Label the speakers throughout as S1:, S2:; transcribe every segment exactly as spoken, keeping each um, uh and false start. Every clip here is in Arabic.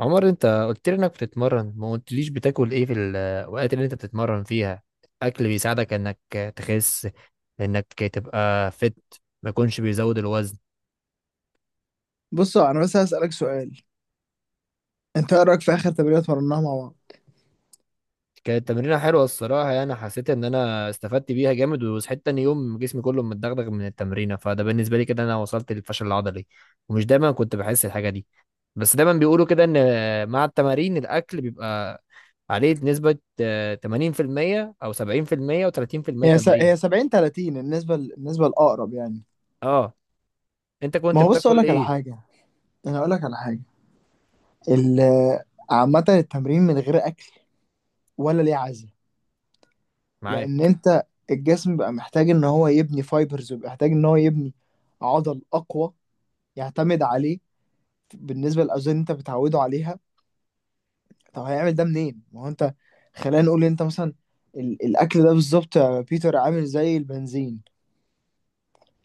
S1: عمر، انت قلت لي انك بتتمرن، ما قلتليش بتاكل ايه في الاوقات اللي انت بتتمرن فيها؟ الاكل بيساعدك انك تخس، انك تبقى فت، ما يكونش بيزود الوزن.
S2: بصوا، انا بس هسألك سؤال. انت ايه رأيك في اخر تمرينة اتمرناها مع بعض؟
S1: كانت تمرينة حلوة الصراحة، يعني حسيت ان انا استفدت بيها جامد، وصحيت تاني يوم جسمي كله متدغدغ من التمرينة، فده بالنسبة لي كده انا وصلت للفشل العضلي. ومش دايما كنت بحس الحاجة دي. بس دايما بيقولوا كده ان مع التمارين الاكل بيبقى عليه نسبة آه، ثمانين في المية او سبعين في المية و30%
S2: هي س...
S1: تمرين.
S2: هي سبعين ثلاثين، النسبة ال- النسبة الاقرب يعني.
S1: اه، انت
S2: ما
S1: كنت
S2: هو بص اقول
S1: بتاكل
S2: لك على
S1: ايه؟
S2: حاجة. انا اقول لك على حاجة. ال... عامة التمرين من غير اكل ولا ليه عزة؟ لان
S1: معاك.
S2: انت الجسم بقى محتاج ان هو يبني فايبرز، وبقى محتاج ان هو يبني عضل اقوى يعتمد عليه بالنسبة للاوزان اللي انت بتعوده عليها. طب هيعمل ده منين؟ ما هو انت خلينا نقول انت مثلا ال... الاكل ده بالظبط يا بيتر عامل زي البنزين.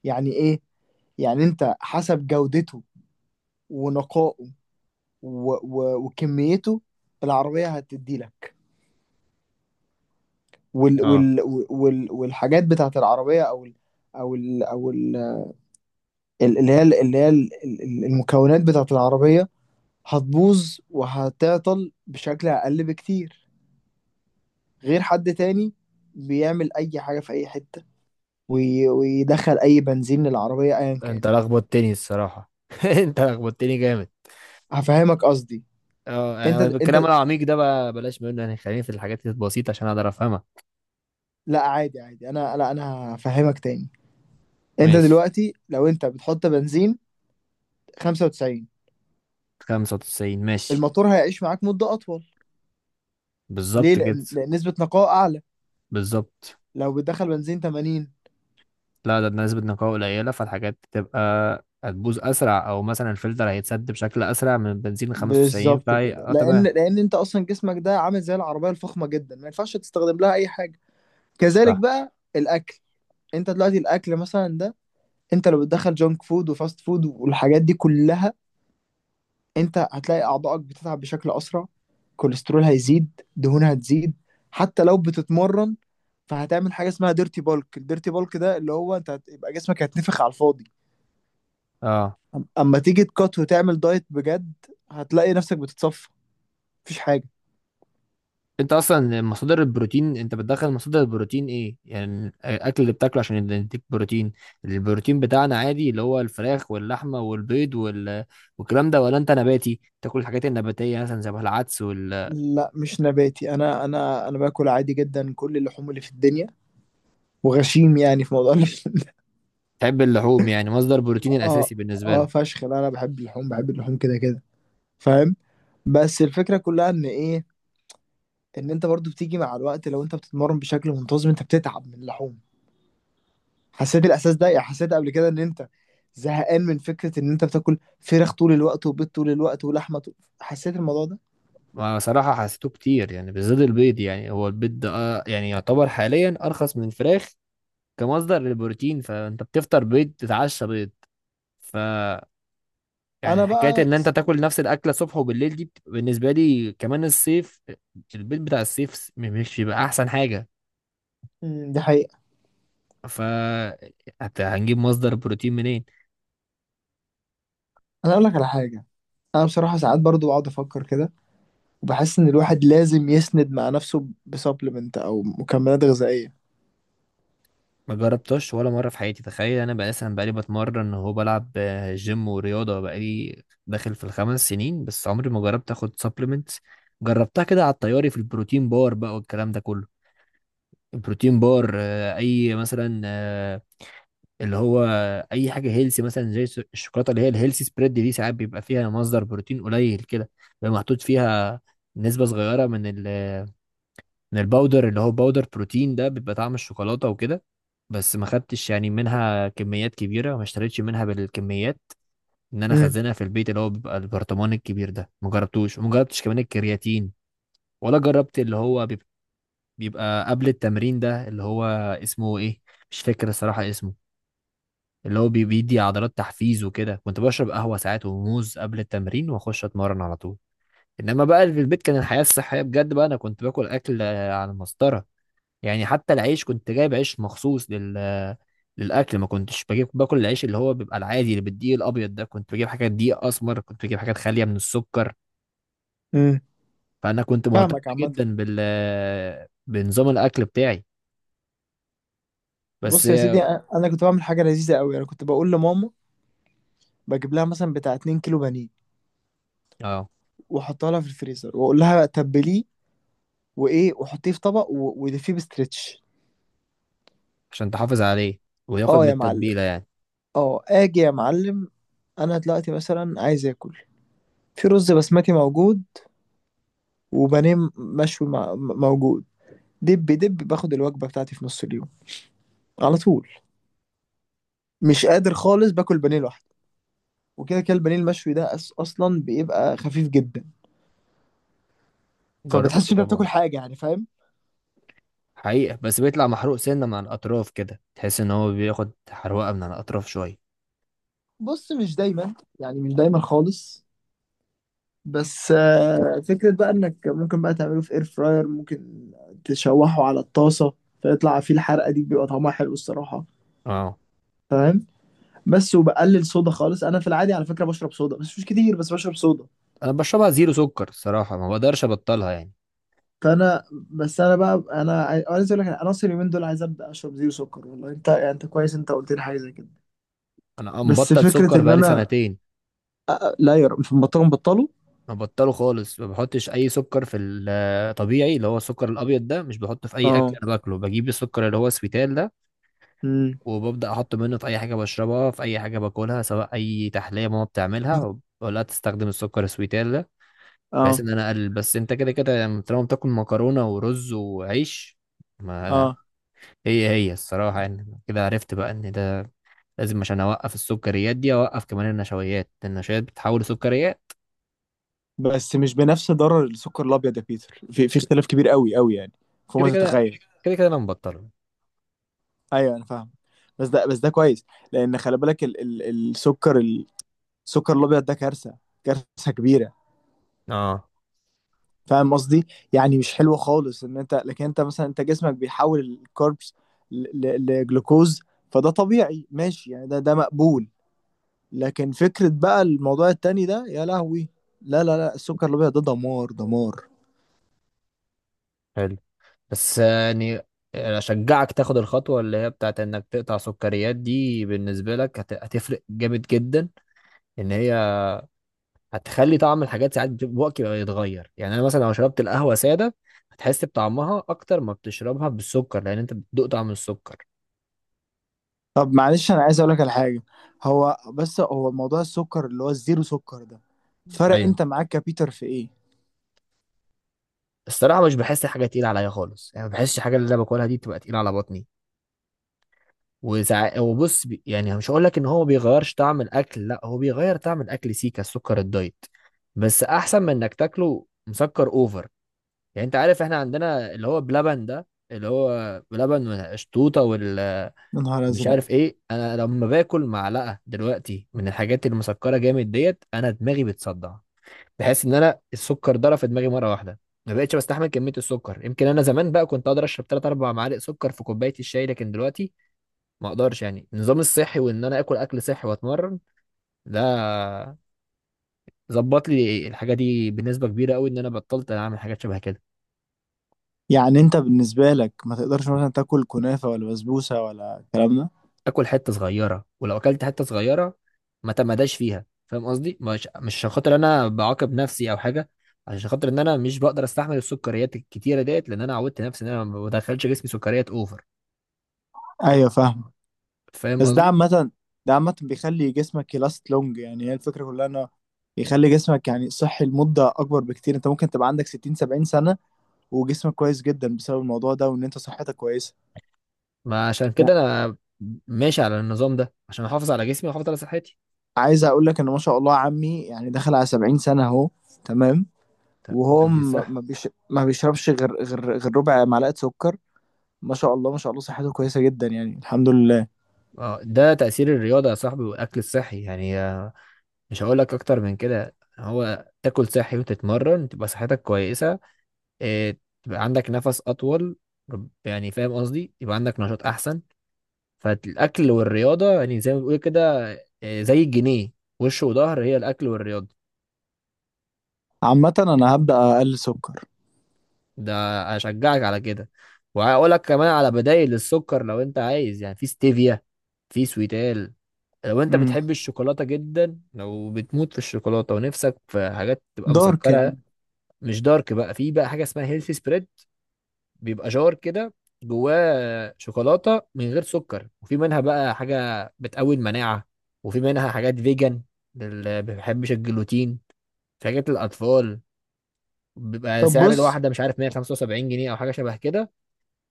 S2: يعني ايه؟ يعني انت حسب جودته ونقائه و... و... وكميته، العربية هتدي لك، وال...
S1: اه،
S2: وال... وال... والحاجات بتاعت العربية، او ال... او ال... او ال... اللي هي اللي هي ال- ال- المكونات بتاعت العربية، هتبوظ وهتعطل بشكل اقل بكتير غير حد تاني بيعمل اي حاجة في اي حتة وي... ويدخل اي بنزين للعربية ايا كان.
S1: انت لخبطتني الصراحه انت لخبطتني جامد.
S2: هفهمك قصدي.
S1: اه،
S2: انت
S1: يعني الكلام
S2: انت
S1: العميق ده بقى بلاش منه، يعني خليني في الحاجات البسيطه عشان اقدر افهمها.
S2: لا، عادي عادي. انا، لا، انا هفهمك تاني. انت
S1: ماشي.
S2: دلوقتي لو انت بتحط بنزين خمسة وتسعين،
S1: تسعين ماشي.
S2: الموتور هيعيش معاك مدة اطول. ليه؟
S1: بالظبط كده.
S2: لان, لأن نسبة نقاء اعلى.
S1: بالظبط.
S2: لو بتدخل بنزين تمانين
S1: لا، ده بنسبة نقاء قليلة، فالحاجات تبقى هتبوظ أسرع، أو مثلا الفلتر هيتسد بشكل أسرع من بنزين تسعين،
S2: بالظبط
S1: فهي
S2: كده،
S1: اه
S2: لان
S1: تمام.
S2: لان انت اصلا جسمك ده عامل زي العربية الفخمة جدا، ما ينفعش تستخدم لها اي حاجة. كذلك
S1: صح.
S2: بقى الاكل. انت دلوقتي الاكل مثلا ده، انت لو بتدخل جونك فود وفاست فود والحاجات دي كلها، انت هتلاقي اعضائك بتتعب بشكل اسرع، كوليسترول هيزيد، دهون هتزيد، حتى لو بتتمرن. فهتعمل حاجه اسمها ديرتي بالك. الديرتي بالك ده اللي هو انت هتبقى جسمك هيتنفخ على الفاضي.
S1: اه،
S2: أم- اما تيجي تكات وتعمل دايت بجد، هتلاقي نفسك بتتصفى، مفيش حاجه.
S1: انت اصلا مصادر البروتين، انت بتدخل مصادر البروتين ايه؟ يعني الاكل اللي بتاكله عشان يديك بروتين. البروتين بتاعنا عادي اللي هو الفراخ واللحمه والبيض وال... والكلام ده، ولا انت نباتي تاكل الحاجات النباتيه مثلا زي العدس وال.
S2: لا، مش نباتي، انا انا انا باكل عادي جدا كل اللحوم اللي في الدنيا، وغشيم يعني في موضوع اللحوم.
S1: تحب اللحوم، يعني مصدر بروتين
S2: اه.
S1: الاساسي بالنسبه
S2: اه
S1: لك.
S2: فشخ. لا، انا بحب اللحوم، بحب اللحوم كده كده، فاهم؟ بس الفكره كلها ان ايه؟ ان انت برضو بتيجي مع الوقت، لو انت بتتمرن بشكل منتظم انت بتتعب من اللحوم. حسيت الاحساس ده؟ يعني حسيت قبل كده ان انت زهقان من فكرة ان انت بتاكل فراخ طول الوقت، وبيض طول الوقت، ولحمة طول... حسيت الموضوع ده؟
S1: ما صراحه حسيته كتير، يعني بالذات البيض، يعني هو البيض ده اه يعني يعتبر حاليا ارخص من الفراخ كمصدر للبروتين. فانت بتفطر بيض، تتعشى بيض، يعني
S2: انا
S1: حكاية
S2: بقى،
S1: إن أنت تاكل نفس الأكلة الصبح وبالليل دي بتبقى بالنسبة لي كمان الصيف. البيت بتاع الصيف س- مش بيبقى أحسن حاجة.
S2: مم، دي حقيقة.
S1: ف حتى هنجيب مصدر بروتين منين؟
S2: انا اقول لك على حاجة. انا بصراحة ساعات برضو بقعد افكر كده، وبحس ان الواحد لازم يسند مع نفسه بسبلمنت او مكملات غذائية.
S1: ما جربتش ولا مرة في حياتي، تخيل. أنا بقى أصلا بقالي بتمرن، هو بلعب آه، جيم ورياضة، بقالي داخل في الخمس سنين، بس عمري ما جربت آخد سبلمنت. جربتها كده على الطياري في البروتين بار بقى والكلام ده كله. البروتين بار آه، أي مثلا آه، اللي هو اي حاجه هيلسي، مثلا زي الس- الشوكولاته اللي هي الهيلسي سبريد دي، ساعات بيبقى فيها مصدر بروتين قليل كده، بيبقى محطوط فيها نسبه صغيره من ال من الباودر اللي هو باودر بروتين ده، بيبقى طعم الشوكولاته وكده. بس ما خدتش يعني منها كميات كبيره، ما اشتريتش منها بالكميات ان انا
S2: امم
S1: اخزنها في البيت اللي هو بيبقى البرطمان الكبير ده، ما جربتوش. وما جربتش كمان الكرياتين، ولا جربت اللي هو بيب- بيبقى قبل التمرين ده اللي هو اسمه ايه، مش فاكر الصراحه اسمه، اللي هو بي- بيدي عضلات تحفيز وكده. كنت بشرب قهوة ساعات وموز قبل التمرين واخش اتمرن على طول. انما بقى اللي في البيت كان الحياة الصحية بجد بقى، انا كنت باكل اكل آه، على المسطرة، يعني حتى العيش كنت جايب عيش مخصوص لل آه، للاكل، ما كنتش بجيب باكل العيش اللي هو بيبقى العادي اللي بالدقيق الابيض ده، كنت بجيب حاجات دقيق اسمر، كنت بجيب حاجات خالية من السكر.
S2: امم
S1: فانا كنت مهتم
S2: فاهمك عامة.
S1: جدا بال آه، بنظام الاكل بتاعي. بس
S2: بص يا سيدي،
S1: اه،
S2: أ- انا كنت بعمل حاجة لذيذة قوي. انا كنت بقول لماما بجيب لها مثلا بتاع 2 كيلو بانيه،
S1: آه،
S2: واحطها لها في الفريزر، واقول لها تبليه، وايه، وحطيه في طبق، و- ودفيه بستريتش.
S1: عشان تحافظ عليه وياخد
S2: اه
S1: من
S2: يا معلم.
S1: التتبيلة يعني.
S2: اه اجي يا معلم. انا دلوقتي مثلا عايز اكل، في رز بسمتي موجود، وبانيه م- مشوي مع- م- موجود. دب دب باخد الوجبه بتاعتي في نص اليوم على طول. مش قادر خالص باكل بانيه لوحده. وكده كده البانيه المشوي ده أس- اصلا بيبقى خفيف جدا، فبتحسش
S1: جربته
S2: انت
S1: طبعا.
S2: بتاكل حاجه يعني، فاهم؟
S1: حقيقة بس بيطلع محروق سنة من على الأطراف كده، تحس إن هو بياخد حروقة من على الأطراف شوية.
S2: بص، مش دايما، يعني مش دايما خالص. بس آه، فكرة بقى انك ممكن بقى تعمله في اير فراير، ممكن تشوحه على الطاسة، فيطلع فيه الحرقة دي، بيبقى طعمها حلو الصراحة،
S1: اه.
S2: فاهم؟ بس وبقلل صودا خالص. انا في العادي على فكرة بشرب صودا، بس مش كتير، بس بشرب صودا.
S1: أنا بشربها زيرو سكر الصراحة، ما بقدرش أبطلها يعني.
S2: فانا، بس انا بقى انا، عاي- أنا عايز اقول لك انا اصلا اليومين دول عايز ابدا اشرب زيرو سكر. والله انت يعني انت كويس، انت قلت لي حاجة زي كده.
S1: أنا
S2: بس
S1: مبطل
S2: فكرة
S1: سكر
S2: ان
S1: بقالي
S2: انا،
S1: سنتين.
S2: أ- أ- لا يا رب في البطال بطلوا.
S1: ما بطله خالص، ما بحطش أي سكر في الطبيعي اللي هو السكر الأبيض ده، مش بحطه في أي أكل
S2: اه.
S1: أنا باكله، بجيب السكر اللي هو سويتال ده
S2: امم.
S1: وببدأ أحطه منه في أي حاجة بشربها، في أي حاجة باكلها، سواء أي تحلية ماما بتعملها ولا تستخدم السكر السويتال ده، بحيث
S2: اه.
S1: ان انا اقلل. بس انت كده كده يعني طالما بتاكل مكرونه ورز وعيش، ما
S2: اه،
S1: هي هي الصراحه يعني كده عرفت بقى ان ده لازم عشان اوقف السكريات دي، اوقف كمان النشويات. النشويات بتتحول لسكريات.
S2: بس مش بنفس ضرر السكر الابيض يا بيتر، في في اختلاف كبير قوي قوي يعني، فوق
S1: كده
S2: ما
S1: كده،
S2: تتخيل.
S1: كده كده انا مبطله.
S2: ايوه انا فاهم، بس ده بس ده كويس. لان خلي بالك ال ال السكر ال- السكر الابيض ده كارثه، كارثه كبيره،
S1: اه.
S2: فاهم قصدي؟ يعني مش حلوه خالص ان انت، لكن انت مثلا انت جسمك بيحول الكاربس ل- ل- لجلوكوز، فده طبيعي ماشي يعني، ده ده مقبول. لكن فكره بقى الموضوع التاني ده، يا لهوي، لا، لا، لا، السكر الابيض ده دمار دمار.
S1: حلو. بس يعني اشجعك تاخد الخطوه اللي هي بتاعت انك تقطع سكريات دي، بالنسبه لك هت- هتفرق جامد جدا. ان هي هتخلي طعم الحاجات ساعات بتبقى- بوقت بيبقى يتغير، يعني انا مثلا لو شربت القهوه ساده هتحس بطعمها اكتر ما بتشربها بالسكر، لان انت بتدوق طعم السكر.
S2: طب معلش، انا عايز اقول لك على حاجه. هو بس هو موضوع السكر اللي هو الزيرو سكر ده، فرق
S1: ايوه.
S2: انت معاك كبيتر في ايه؟
S1: الصراحه مش بحس حاجه تقيله عليا خالص، يعني ما بحسش الحاجه اللي انا باكلها دي تبقى تقيله على بطني. وساعات وبص، بي... يعني مش هقول لك ان هو ما بيغيرش طعم الاكل، لا هو بيغير طعم الاكل سيكا السكر الدايت، بس احسن من انك تاكله مسكر اوفر. يعني انت عارف احنا عندنا اللي هو بلبن ده، اللي هو بلبن والقشطوطه وال،
S2: يا نهار
S1: مش
S2: ازرق.
S1: عارف ايه. انا لما باكل معلقه دلوقتي من الحاجات المسكره جامد ديت، انا دماغي بتصدع، بحس ان انا السكر ضرب في دماغي مره واحده. ما بقتش بستحمل كميه السكر. يمكن انا زمان بقى كنت اقدر اشرب ثلاثة اربعة معالق سكر في كوبايه الشاي، لكن دلوقتي ما اقدرش. يعني النظام الصحي وان انا اكل اكل صحي واتمرن ده، ظبط لي الحاجه دي بنسبه كبيره قوي، ان انا بطلت اعمل حاجات شبه كده.
S2: يعني انت بالنسبه لك ما تقدرش مثلا تاكل كنافه ولا بسبوسه ولا الكلام ده؟
S1: اكل حته صغيره، ولو اكلت حته صغيره ما تمداش فيها، فاهم قصدي؟ مش مش عشان خاطر انا بعاقب نفسي او حاجه، عشان خاطر ان انا مش بقدر استحمل السكريات الكتيره ديت، لان انا عودت نفسي ان انا ما بدخلش جسمي سكريات اوفر.
S2: ايوه فاهم.
S1: فاهم
S2: بس ده
S1: قصدي.
S2: عامه، ده عامه بيخلي جسمك يلاست لونج. يعني هي الفكره كلها انه يخلي جسمك يعني صحي لمده اكبر بكتير. انت ممكن تبقى عندك ستين سبعين سنه وجسمك كويس جدا بسبب الموضوع ده، وان انت صحتك كويسه
S1: ما عشان كده
S2: يعني.
S1: انا ماشي على النظام ده عشان احافظ على جسمي واحافظ على صحتي.
S2: عايز اقول لك ان ما شاء الله عمي يعني دخل على سبعين سنه اهو، تمام،
S1: طب
S2: وهو
S1: دي
S2: م-
S1: صح.
S2: ما بيش... ما بيشربش غير غير غير ربع معلقة سكر. ما شاء الله ما شاء الله، صحته كويسة جدا يعني، الحمد لله.
S1: اه، ده تأثير الرياضة يا صاحبي والأكل الصحي، يعني آه، مش هقول لك أكتر من كده، هو تاكل صحي وتتمرن تبقى صحتك كويسة، آه، تبقى عندك نفس اطول، رب- يعني فاهم قصدي، يبقى عندك نشاط احسن. فالاكل والرياضه يعني زي ما بيقول كده، آه، زي الجنيه وش وظهر، هي الاكل والرياضه.
S2: عامة انا هبدأ اقلل سكر.
S1: ده اشجعك على كده. وهقول لك كمان على بدائل السكر لو انت عايز، يعني في ستيفيا، في سويتال. لو انت
S2: امم،
S1: بتحب الشوكولاته جدا، لو بتموت في الشوكولاته ونفسك في حاجات تبقى
S2: دارك
S1: مسكره،
S2: يعني؟
S1: مش دارك بقى، في بقى حاجه اسمها هيلثي سبريد. بيبقى جار كده جواه شوكولاته من غير سكر، وفي منها بقى حاجه بتقوي المناعه، وفي منها حاجات فيجن اللي ما بيحبش الجلوتين، في حاجات الاطفال. بيبقى
S2: طب
S1: سعر
S2: بص.
S1: الواحده، مش عارف، مية وخمسة وسبعين جنيه او حاجه شبه كده.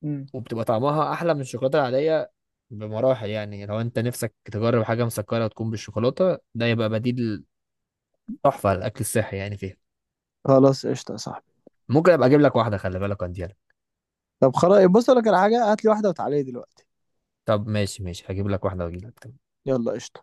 S2: مم.
S1: وبتبقى طعمها احلى من الشوكولاته العاديه بمراحل يعني يعني لو انت نفسك تجرب حاجه مسكره وتكون بالشوكولاته ده، يبقى بديل تحفه للاكل الصحي يعني فيها.
S2: خلاص قشطة يا صاحبي.
S1: ممكن ابقى اجيب لك واحده، خلي بالك عندي.
S2: طب خلاص بص، أقول لك على حاجة، هات لي واحدة وتعالي لي دلوقتي.
S1: طب ماشي، ماشي هجيب لك واحده واجيب لك.
S2: يلا قشطة.